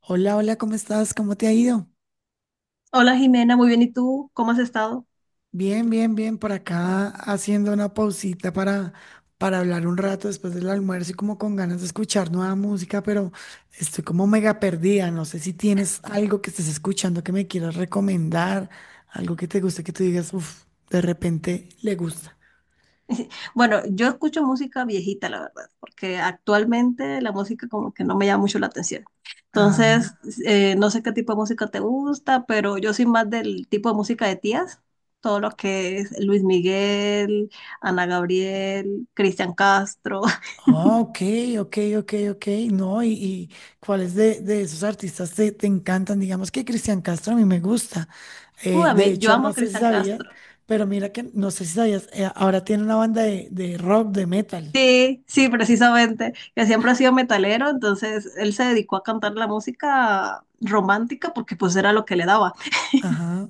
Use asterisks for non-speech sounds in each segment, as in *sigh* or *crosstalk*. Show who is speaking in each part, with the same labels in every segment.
Speaker 1: Hola, hola, ¿cómo estás? ¿Cómo te ha ido?
Speaker 2: Hola Jimena, muy bien. ¿Y tú cómo has estado?
Speaker 1: Bien, bien, bien, por acá haciendo una pausita para hablar un rato después del almuerzo y como con ganas de escuchar nueva música, pero estoy como mega perdida. No sé si tienes algo que estés escuchando que me quieras recomendar, algo que te guste, que tú digas, uff, de repente le gusta.
Speaker 2: Bueno, yo escucho música viejita, la verdad, porque actualmente la música como que no me llama mucho la atención.
Speaker 1: Ajá.
Speaker 2: Entonces, no sé qué tipo de música te gusta, pero yo soy más del tipo de música de tías, todo lo que es Luis Miguel, Ana Gabriel, Cristian Castro.
Speaker 1: Ah,
Speaker 2: *laughs*
Speaker 1: ok, ok, ok, ok. No, cuáles de esos artistas te encantan? Digamos que Cristian Castro a mí me gusta.
Speaker 2: Uy, a
Speaker 1: De
Speaker 2: mí, yo
Speaker 1: hecho,
Speaker 2: amo
Speaker 1: no
Speaker 2: a
Speaker 1: sé si
Speaker 2: Cristian
Speaker 1: sabías,
Speaker 2: Castro.
Speaker 1: pero mira que no sé si sabías, ahora tiene una banda de rock, de metal.
Speaker 2: Sí, sí, precisamente, que siempre ha sido metalero, entonces él se dedicó a cantar la música romántica porque pues era lo que le daba.
Speaker 1: Ajá.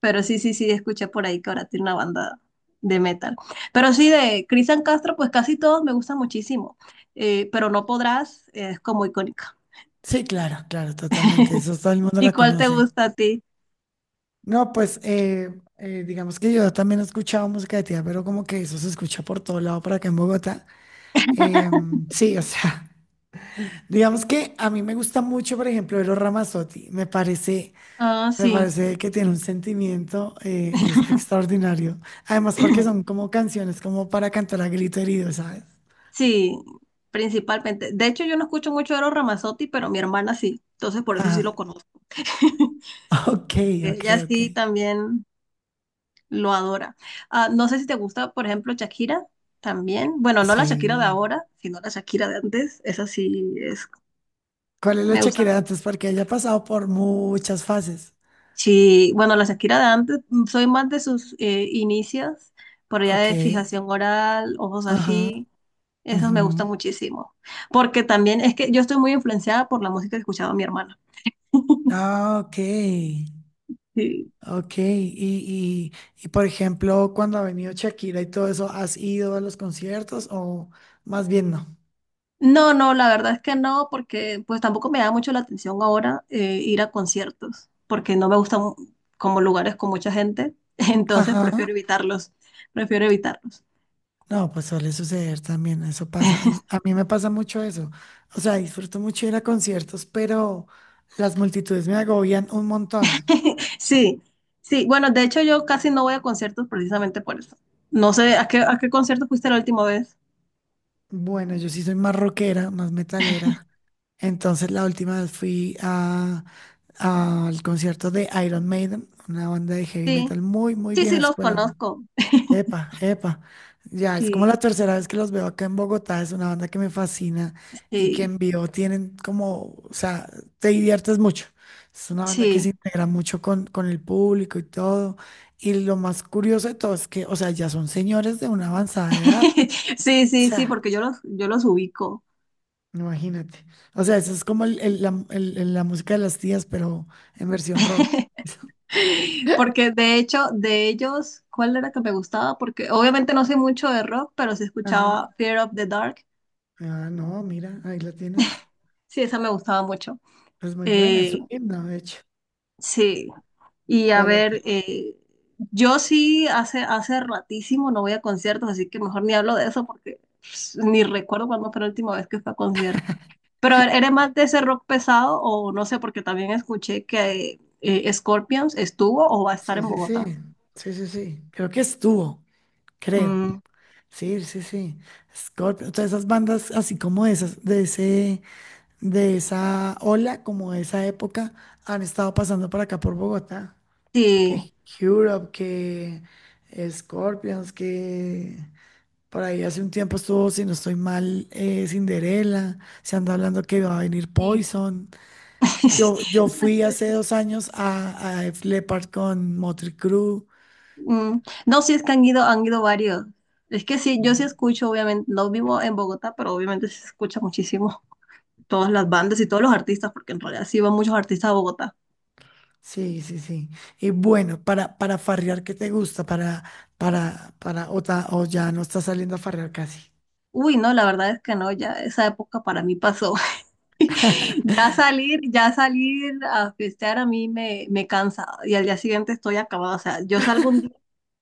Speaker 2: Pero sí, sí, sí, escuché por ahí que ahora tiene una banda de metal. Pero sí, de Cristian Castro, pues casi todos me gustan muchísimo. Pero No Podrás es como icónica.
Speaker 1: Sí, claro, claro, totalmente.
Speaker 2: *laughs*
Speaker 1: Eso todo el mundo
Speaker 2: ¿Y
Speaker 1: la
Speaker 2: cuál te
Speaker 1: conoce.
Speaker 2: gusta a ti?
Speaker 1: No, pues digamos que yo también he escuchado música de tía, pero como que eso se escucha por todo lado por acá en Bogotá. Sí, o sea. Digamos que a mí me gusta mucho, por ejemplo, Eros Ramazzotti.
Speaker 2: Ah,
Speaker 1: Me
Speaker 2: sí.
Speaker 1: parece que tiene un sentimiento, es
Speaker 2: *clears throat*
Speaker 1: extraordinario. Además, porque son como canciones como para cantar a grito herido, ¿sabes?
Speaker 2: Sí, principalmente. De hecho, yo no escucho mucho Eros Ramazzotti, pero mi hermana sí. Entonces, por eso sí
Speaker 1: Ajá.
Speaker 2: lo
Speaker 1: *laughs*
Speaker 2: conozco. *laughs*
Speaker 1: Ok, ok,
Speaker 2: Ella
Speaker 1: ok.
Speaker 2: sí también lo adora. Ah, no sé si te gusta, por ejemplo, Shakira también. Bueno, no la Shakira de
Speaker 1: Sí.
Speaker 2: ahora, sino la Shakira de antes. Esa sí es,
Speaker 1: ¿Cuál es la
Speaker 2: me gusta.
Speaker 1: Shakira de antes? Porque ella ha pasado por muchas fases.
Speaker 2: Sí, bueno, la Shakira de antes, soy más de sus inicios, por allá
Speaker 1: Ok.
Speaker 2: de fijación oral, ojos
Speaker 1: Ajá.
Speaker 2: así. Esos me gustan
Speaker 1: Ujú.
Speaker 2: muchísimo. Porque también es que yo estoy muy influenciada por la música que escuchaba mi hermana. *laughs*
Speaker 1: Ah, ok.
Speaker 2: Sí.
Speaker 1: Ok, y por ejemplo, cuando ha venido Shakira y todo eso, ¿has ido a los conciertos o más bien no?
Speaker 2: No, no, la verdad es que no, porque pues tampoco me da mucho la atención ahora ir a conciertos, porque no me gustan como lugares con mucha gente, *laughs* entonces
Speaker 1: Ajá.
Speaker 2: prefiero evitarlos, prefiero evitarlos.
Speaker 1: No, pues suele suceder también, eso pasa. A mí me pasa mucho eso. O sea, disfruto mucho ir a conciertos, pero las multitudes me agobian un montón.
Speaker 2: *laughs* Sí, sí, bueno, de hecho yo casi no voy a conciertos precisamente por eso. No sé, a qué concierto fuiste la última vez?
Speaker 1: Bueno, yo sí soy más rockera, más metalera. Entonces la última vez fui al concierto de Iron Maiden, una banda de heavy
Speaker 2: Sí,
Speaker 1: metal muy, muy
Speaker 2: sí,
Speaker 1: vieja
Speaker 2: sí, los
Speaker 1: escuela.
Speaker 2: conozco. *laughs*
Speaker 1: Epa, epa. Ya, es como la
Speaker 2: Sí,
Speaker 1: tercera vez que los veo acá en Bogotá. Es una banda que me fascina y que
Speaker 2: sí,
Speaker 1: en vivo tienen como, o sea, te diviertes mucho. Es una banda que se
Speaker 2: sí,
Speaker 1: integra mucho con el público y todo. Y lo más curioso de todo es que, o sea, ya son señores de una avanzada edad.
Speaker 2: *laughs* sí,
Speaker 1: O
Speaker 2: sí, sí,
Speaker 1: sea,
Speaker 2: porque yo los ubico.
Speaker 1: imagínate. O sea, eso es como la música de las tías, pero en versión rock.
Speaker 2: *laughs*
Speaker 1: *laughs*
Speaker 2: Porque de hecho, de ellos, ¿cuál era que me gustaba? Porque obviamente no sé mucho de rock, pero sí
Speaker 1: Ajá.
Speaker 2: escuchaba Fear of the Dark.
Speaker 1: Ah, no, mira, ahí la tienes.
Speaker 2: Sí, esa me gustaba mucho.
Speaker 1: Es muy buena, es
Speaker 2: Eh,
Speaker 1: un himno, de hecho.
Speaker 2: sí. Y a
Speaker 1: ¿Cuál?
Speaker 2: ver, yo sí hace ratísimo no voy a conciertos, así que mejor ni hablo de eso porque pues, ni recuerdo cuándo fue la última vez que fui a conciertos. Pero a ver, ¿eres más de ese rock pesado o no sé? Porque también escuché que Scorpions estuvo o va a estar
Speaker 1: Sí,
Speaker 2: en
Speaker 1: sí,
Speaker 2: Bogotá.
Speaker 1: sí, sí, sí, sí. Creo que estuvo, creo.
Speaker 2: Mm,
Speaker 1: Sí, sí, sí. Scorpio, todas esas bandas así como esas, de esa ola, como de esa época, han estado pasando por acá por Bogotá.
Speaker 2: sí.
Speaker 1: Que Europe, que Scorpions, que por ahí hace un tiempo estuvo, si no estoy mal, Cinderella. Se anda hablando que va a venir
Speaker 2: Sí.
Speaker 1: Poison. Yo
Speaker 2: *laughs* No, es
Speaker 1: fui
Speaker 2: que
Speaker 1: hace
Speaker 2: sí.
Speaker 1: 2 años a Def Leppard con Motley Crue.
Speaker 2: Mm, no, sí, es que han ido varios. Es que sí, yo sí escucho, obviamente, no vivo en Bogotá, pero obviamente sí se escucha muchísimo todas las bandas y todos los artistas, porque en realidad sí van muchos artistas a Bogotá.
Speaker 1: Sí, sí, sí. Y bueno, para farrear, ¿qué te gusta? ¿O o ya no estás saliendo a farrear casi?
Speaker 2: Uy, no, la verdad es que no, ya esa época para mí pasó. *laughs* Ya salir a festear a mí me cansa y al día siguiente estoy acabada. O sea, yo salgo un día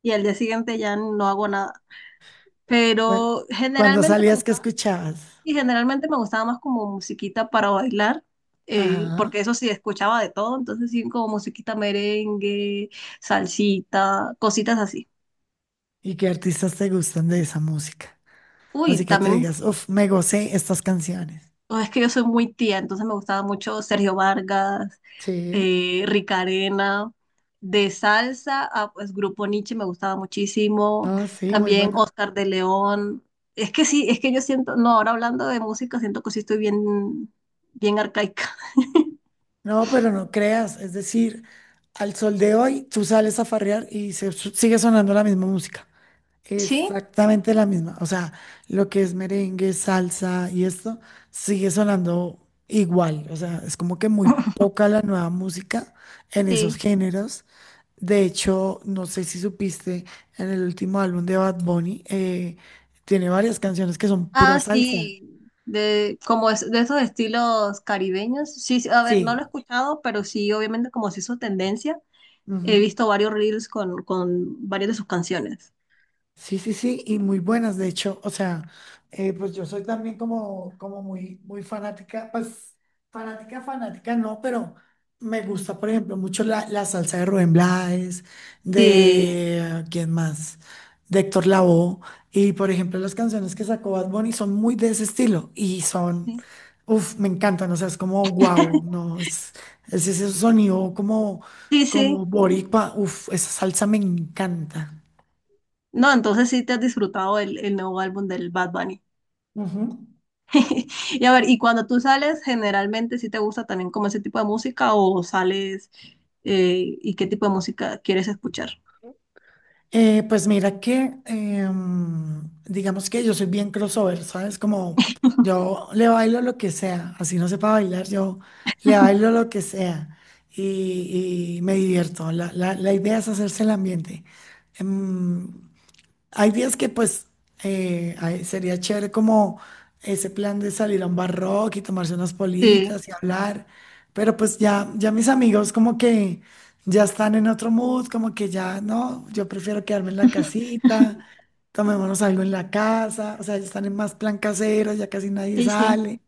Speaker 2: y al día siguiente ya no hago nada.
Speaker 1: Bueno,
Speaker 2: Pero
Speaker 1: cuando
Speaker 2: generalmente me
Speaker 1: salías, ¿qué
Speaker 2: gustaba.
Speaker 1: escuchabas?
Speaker 2: Y generalmente me gustaba más como musiquita para bailar,
Speaker 1: Ajá.
Speaker 2: porque eso sí, escuchaba de todo, entonces sí, como musiquita merengue, salsita, cositas así.
Speaker 1: ¿Y qué artistas te gustan de esa música?
Speaker 2: Uy,
Speaker 1: Así que te
Speaker 2: también,
Speaker 1: digas, uff, me gocé estas canciones.
Speaker 2: oh, es que yo soy muy tía, entonces me gustaba mucho Sergio Vargas,
Speaker 1: Sí,
Speaker 2: Rica Arena, de salsa, ah, pues Grupo Niche me gustaba muchísimo,
Speaker 1: no, sí, muy
Speaker 2: también
Speaker 1: bueno.
Speaker 2: Oscar de León. Es que sí, es que yo siento, no, ahora hablando de música, siento que sí estoy bien, bien arcaica. *laughs*
Speaker 1: No, pero no creas, es decir, al sol de hoy tú sales a farrear y sigue sonando la misma música.
Speaker 2: Sí,
Speaker 1: Exactamente la misma. O sea, lo que es merengue, salsa y esto sigue sonando igual. O sea, es como que muy poca la nueva música en esos
Speaker 2: sí.
Speaker 1: géneros. De hecho, no sé si supiste, en el último álbum de Bad Bunny, tiene varias canciones que son pura
Speaker 2: Ah,
Speaker 1: salsa.
Speaker 2: sí, de, como es, de esos estilos caribeños. Sí, sí, a ver, no lo he
Speaker 1: Sí.
Speaker 2: escuchado, pero sí, obviamente como se hizo tendencia, he
Speaker 1: Ujú.
Speaker 2: visto varios reels con varias de sus canciones.
Speaker 1: Sí, sí, sí, y muy buenas, de hecho, o sea, pues yo soy también como, como muy, muy fanática, pues no, pero me gusta, por ejemplo, mucho la salsa de Rubén Blades,
Speaker 2: Sí,
Speaker 1: de, ¿quién más? De Héctor Lavoe, y por ejemplo, las canciones que sacó Bad Bunny son muy de ese estilo, y son,
Speaker 2: sí,
Speaker 1: uff, me encantan, o sea, es como, wow,
Speaker 2: *laughs*
Speaker 1: no, es ese sonido como,
Speaker 2: sí,
Speaker 1: como
Speaker 2: sí.
Speaker 1: boricua, uff, esa salsa me encanta.
Speaker 2: No, entonces sí te has disfrutado el nuevo álbum del Bad Bunny.
Speaker 1: Ujú.
Speaker 2: *laughs* Y a ver, y cuando tú sales, generalmente sí te gusta también como ese tipo de música o sales y qué tipo de música quieres escuchar.
Speaker 1: Pues mira que, digamos que yo soy bien crossover, ¿sabes? Como yo le bailo lo que sea, así no sepa bailar, yo le bailo lo que sea y me divierto. La idea es hacerse el ambiente. Em, Hay días que pues ay, sería chévere como ese plan de salir a un bar rock y tomarse unas
Speaker 2: Sí,
Speaker 1: politas y hablar, pero pues ya mis amigos como que ya están en otro mood, como que ya no, yo prefiero quedarme en la casita, tomémonos algo en la casa, o sea, ya están en más plan casero, ya casi nadie
Speaker 2: sí, sí.
Speaker 1: sale.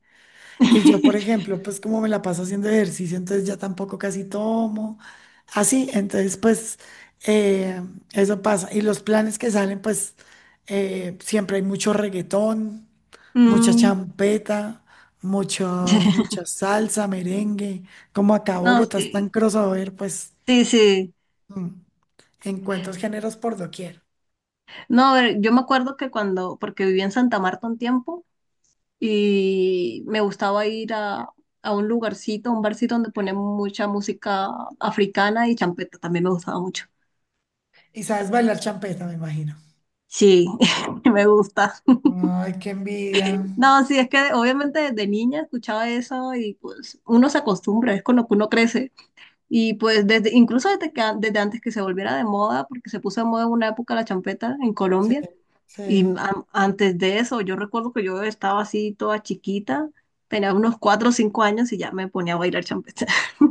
Speaker 1: Y yo, por
Speaker 2: *laughs*
Speaker 1: ejemplo, pues como me la paso haciendo ejercicio, entonces ya tampoco casi tomo. Así, entonces pues eh, eso pasa. Y los planes que salen, pues siempre hay mucho reggaetón, mucha
Speaker 2: Mm,
Speaker 1: champeta, mucho,
Speaker 2: *laughs*
Speaker 1: mucha salsa, merengue. Como acá
Speaker 2: no,
Speaker 1: Bogotá es tan
Speaker 2: sí.
Speaker 1: crossover, pues
Speaker 2: Sí, sí.
Speaker 1: mm, encuentros géneros por doquier.
Speaker 2: No, a ver, yo me acuerdo que cuando, porque viví en Santa Marta un tiempo y me gustaba ir a un lugarcito, un barcito donde ponían mucha música africana y champeta, también me gustaba mucho.
Speaker 1: Y sabes bailar champeta, me imagino.
Speaker 2: Sí, *laughs* me gusta.
Speaker 1: Ay, qué envidia.
Speaker 2: No, sí, es que obviamente desde niña escuchaba eso y pues uno se acostumbra, es con lo que uno crece. Y pues desde, incluso desde que, desde antes que se volviera de moda, porque se puso de moda en una época la champeta en
Speaker 1: Sí,
Speaker 2: Colombia.
Speaker 1: sí.
Speaker 2: Y antes de eso, yo recuerdo que yo estaba así toda chiquita, tenía unos cuatro o cinco años y ya me ponía a bailar champeta. *laughs*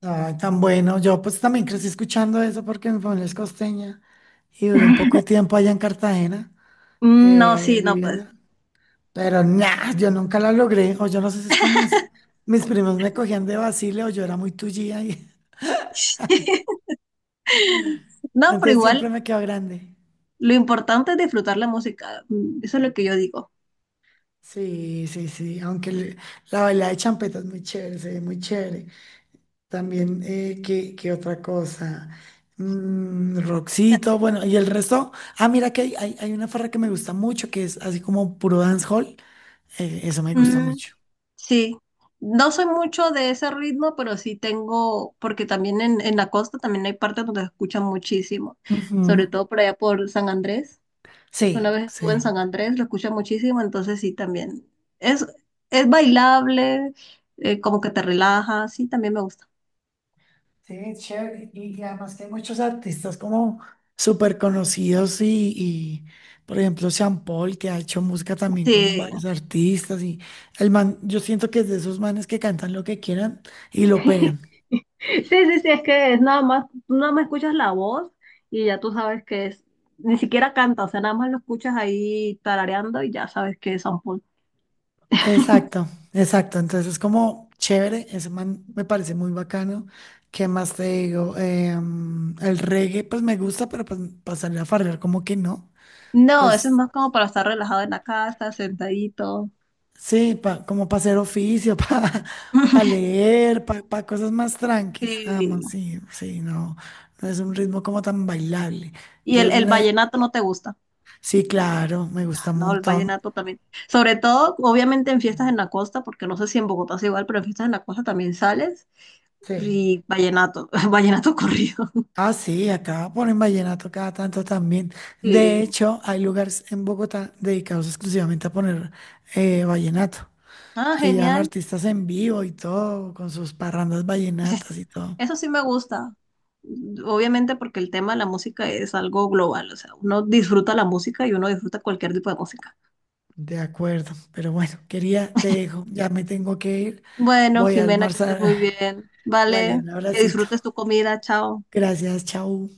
Speaker 1: Ay, tan bueno. Yo pues también crecí escuchando eso porque mi familia es costeña y duré un poco de tiempo allá en Cartagena,
Speaker 2: Mm, no, sí, no, pues.
Speaker 1: viviendo. Pero nada, yo nunca la logré. O yo no sé si es que mis primos me cogían de vacile o yo era muy tullía y *laughs*
Speaker 2: *laughs* No, pero
Speaker 1: entonces siempre
Speaker 2: igual
Speaker 1: me quedó grande.
Speaker 2: lo importante es disfrutar la música. Mm, eso es lo que yo digo.
Speaker 1: Sí, sí, sí. La baila de champeta es muy chévere, se ve muy chévere. También, ¿qué, qué otra cosa? Mm, Roxito, bueno, y el resto. Ah, mira que hay una farra que me gusta mucho, que es así como puro dancehall. Eso me gusta
Speaker 2: Mm,
Speaker 1: mucho.
Speaker 2: sí, no soy mucho de ese ritmo, pero sí tengo, porque también en la costa también hay partes donde se escucha muchísimo, sobre
Speaker 1: Ujú.
Speaker 2: todo por allá por San Andrés. Una
Speaker 1: Sí,
Speaker 2: vez estuve en
Speaker 1: sí.
Speaker 2: San Andrés, lo escuché muchísimo, entonces sí, también. Es, es bailable, como que te relaja, sí, también me gusta.
Speaker 1: Sí, es chévere. Y además que hay muchos artistas como súper conocidos por ejemplo, Sean Paul, que ha hecho música también con
Speaker 2: Sí,
Speaker 1: varios artistas. Y el man, yo siento que es de esos manes que cantan lo que quieran y lo
Speaker 2: *laughs*
Speaker 1: pegan.
Speaker 2: sí, sí, sí, es que es nada más, tú nada más escuchas la voz y ya tú sabes que es, ni siquiera canta, o sea, nada más lo escuchas ahí tarareando y ya sabes que es San Paul.
Speaker 1: Exacto, exacto. Entonces es como chévere, ese man me parece muy bacano. ¿Qué más te digo? El reggae pues me gusta, pero pues para salir a farrear como que no.
Speaker 2: No, eso es
Speaker 1: Pues
Speaker 2: más como para estar relajado en la casa, sentadito.
Speaker 1: sí, como para hacer oficio, *laughs* para
Speaker 2: *laughs*
Speaker 1: leer, para cosas más tranquis. Ah, no,
Speaker 2: Sí.
Speaker 1: sí, sí, no, no es un ritmo como tan bailable.
Speaker 2: ¿Y
Speaker 1: Yo era
Speaker 2: el
Speaker 1: una-
Speaker 2: vallenato no te gusta?
Speaker 1: sí, claro, me gusta un
Speaker 2: No, el
Speaker 1: montón.
Speaker 2: vallenato también. Sobre todo, obviamente en fiestas en la costa, porque no sé si en Bogotá es igual, pero en fiestas en la costa también sales.
Speaker 1: Sí.
Speaker 2: Y vallenato, *laughs* vallenato corrido.
Speaker 1: Ah, sí, acá ponen vallenato cada tanto también. De
Speaker 2: Sí.
Speaker 1: hecho, hay lugares en Bogotá dedicados exclusivamente a poner vallenato.
Speaker 2: Ah,
Speaker 1: Y llevan
Speaker 2: genial.
Speaker 1: artistas en vivo y todo, con sus parrandas vallenatas
Speaker 2: *laughs*
Speaker 1: y todo.
Speaker 2: Eso sí me gusta. Obviamente porque el tema de la música es algo global, o sea, uno disfruta la música y uno disfruta cualquier tipo de música.
Speaker 1: De acuerdo, pero bueno, quería, te dejo, ya me tengo que ir.
Speaker 2: Bueno,
Speaker 1: Voy a
Speaker 2: Jimena, que estés
Speaker 1: almorzar.
Speaker 2: muy
Speaker 1: *laughs*
Speaker 2: bien.
Speaker 1: *sighs* Dale,
Speaker 2: Vale,
Speaker 1: un
Speaker 2: que
Speaker 1: abracito.
Speaker 2: disfrutes tu comida. Chao.
Speaker 1: Gracias, chao.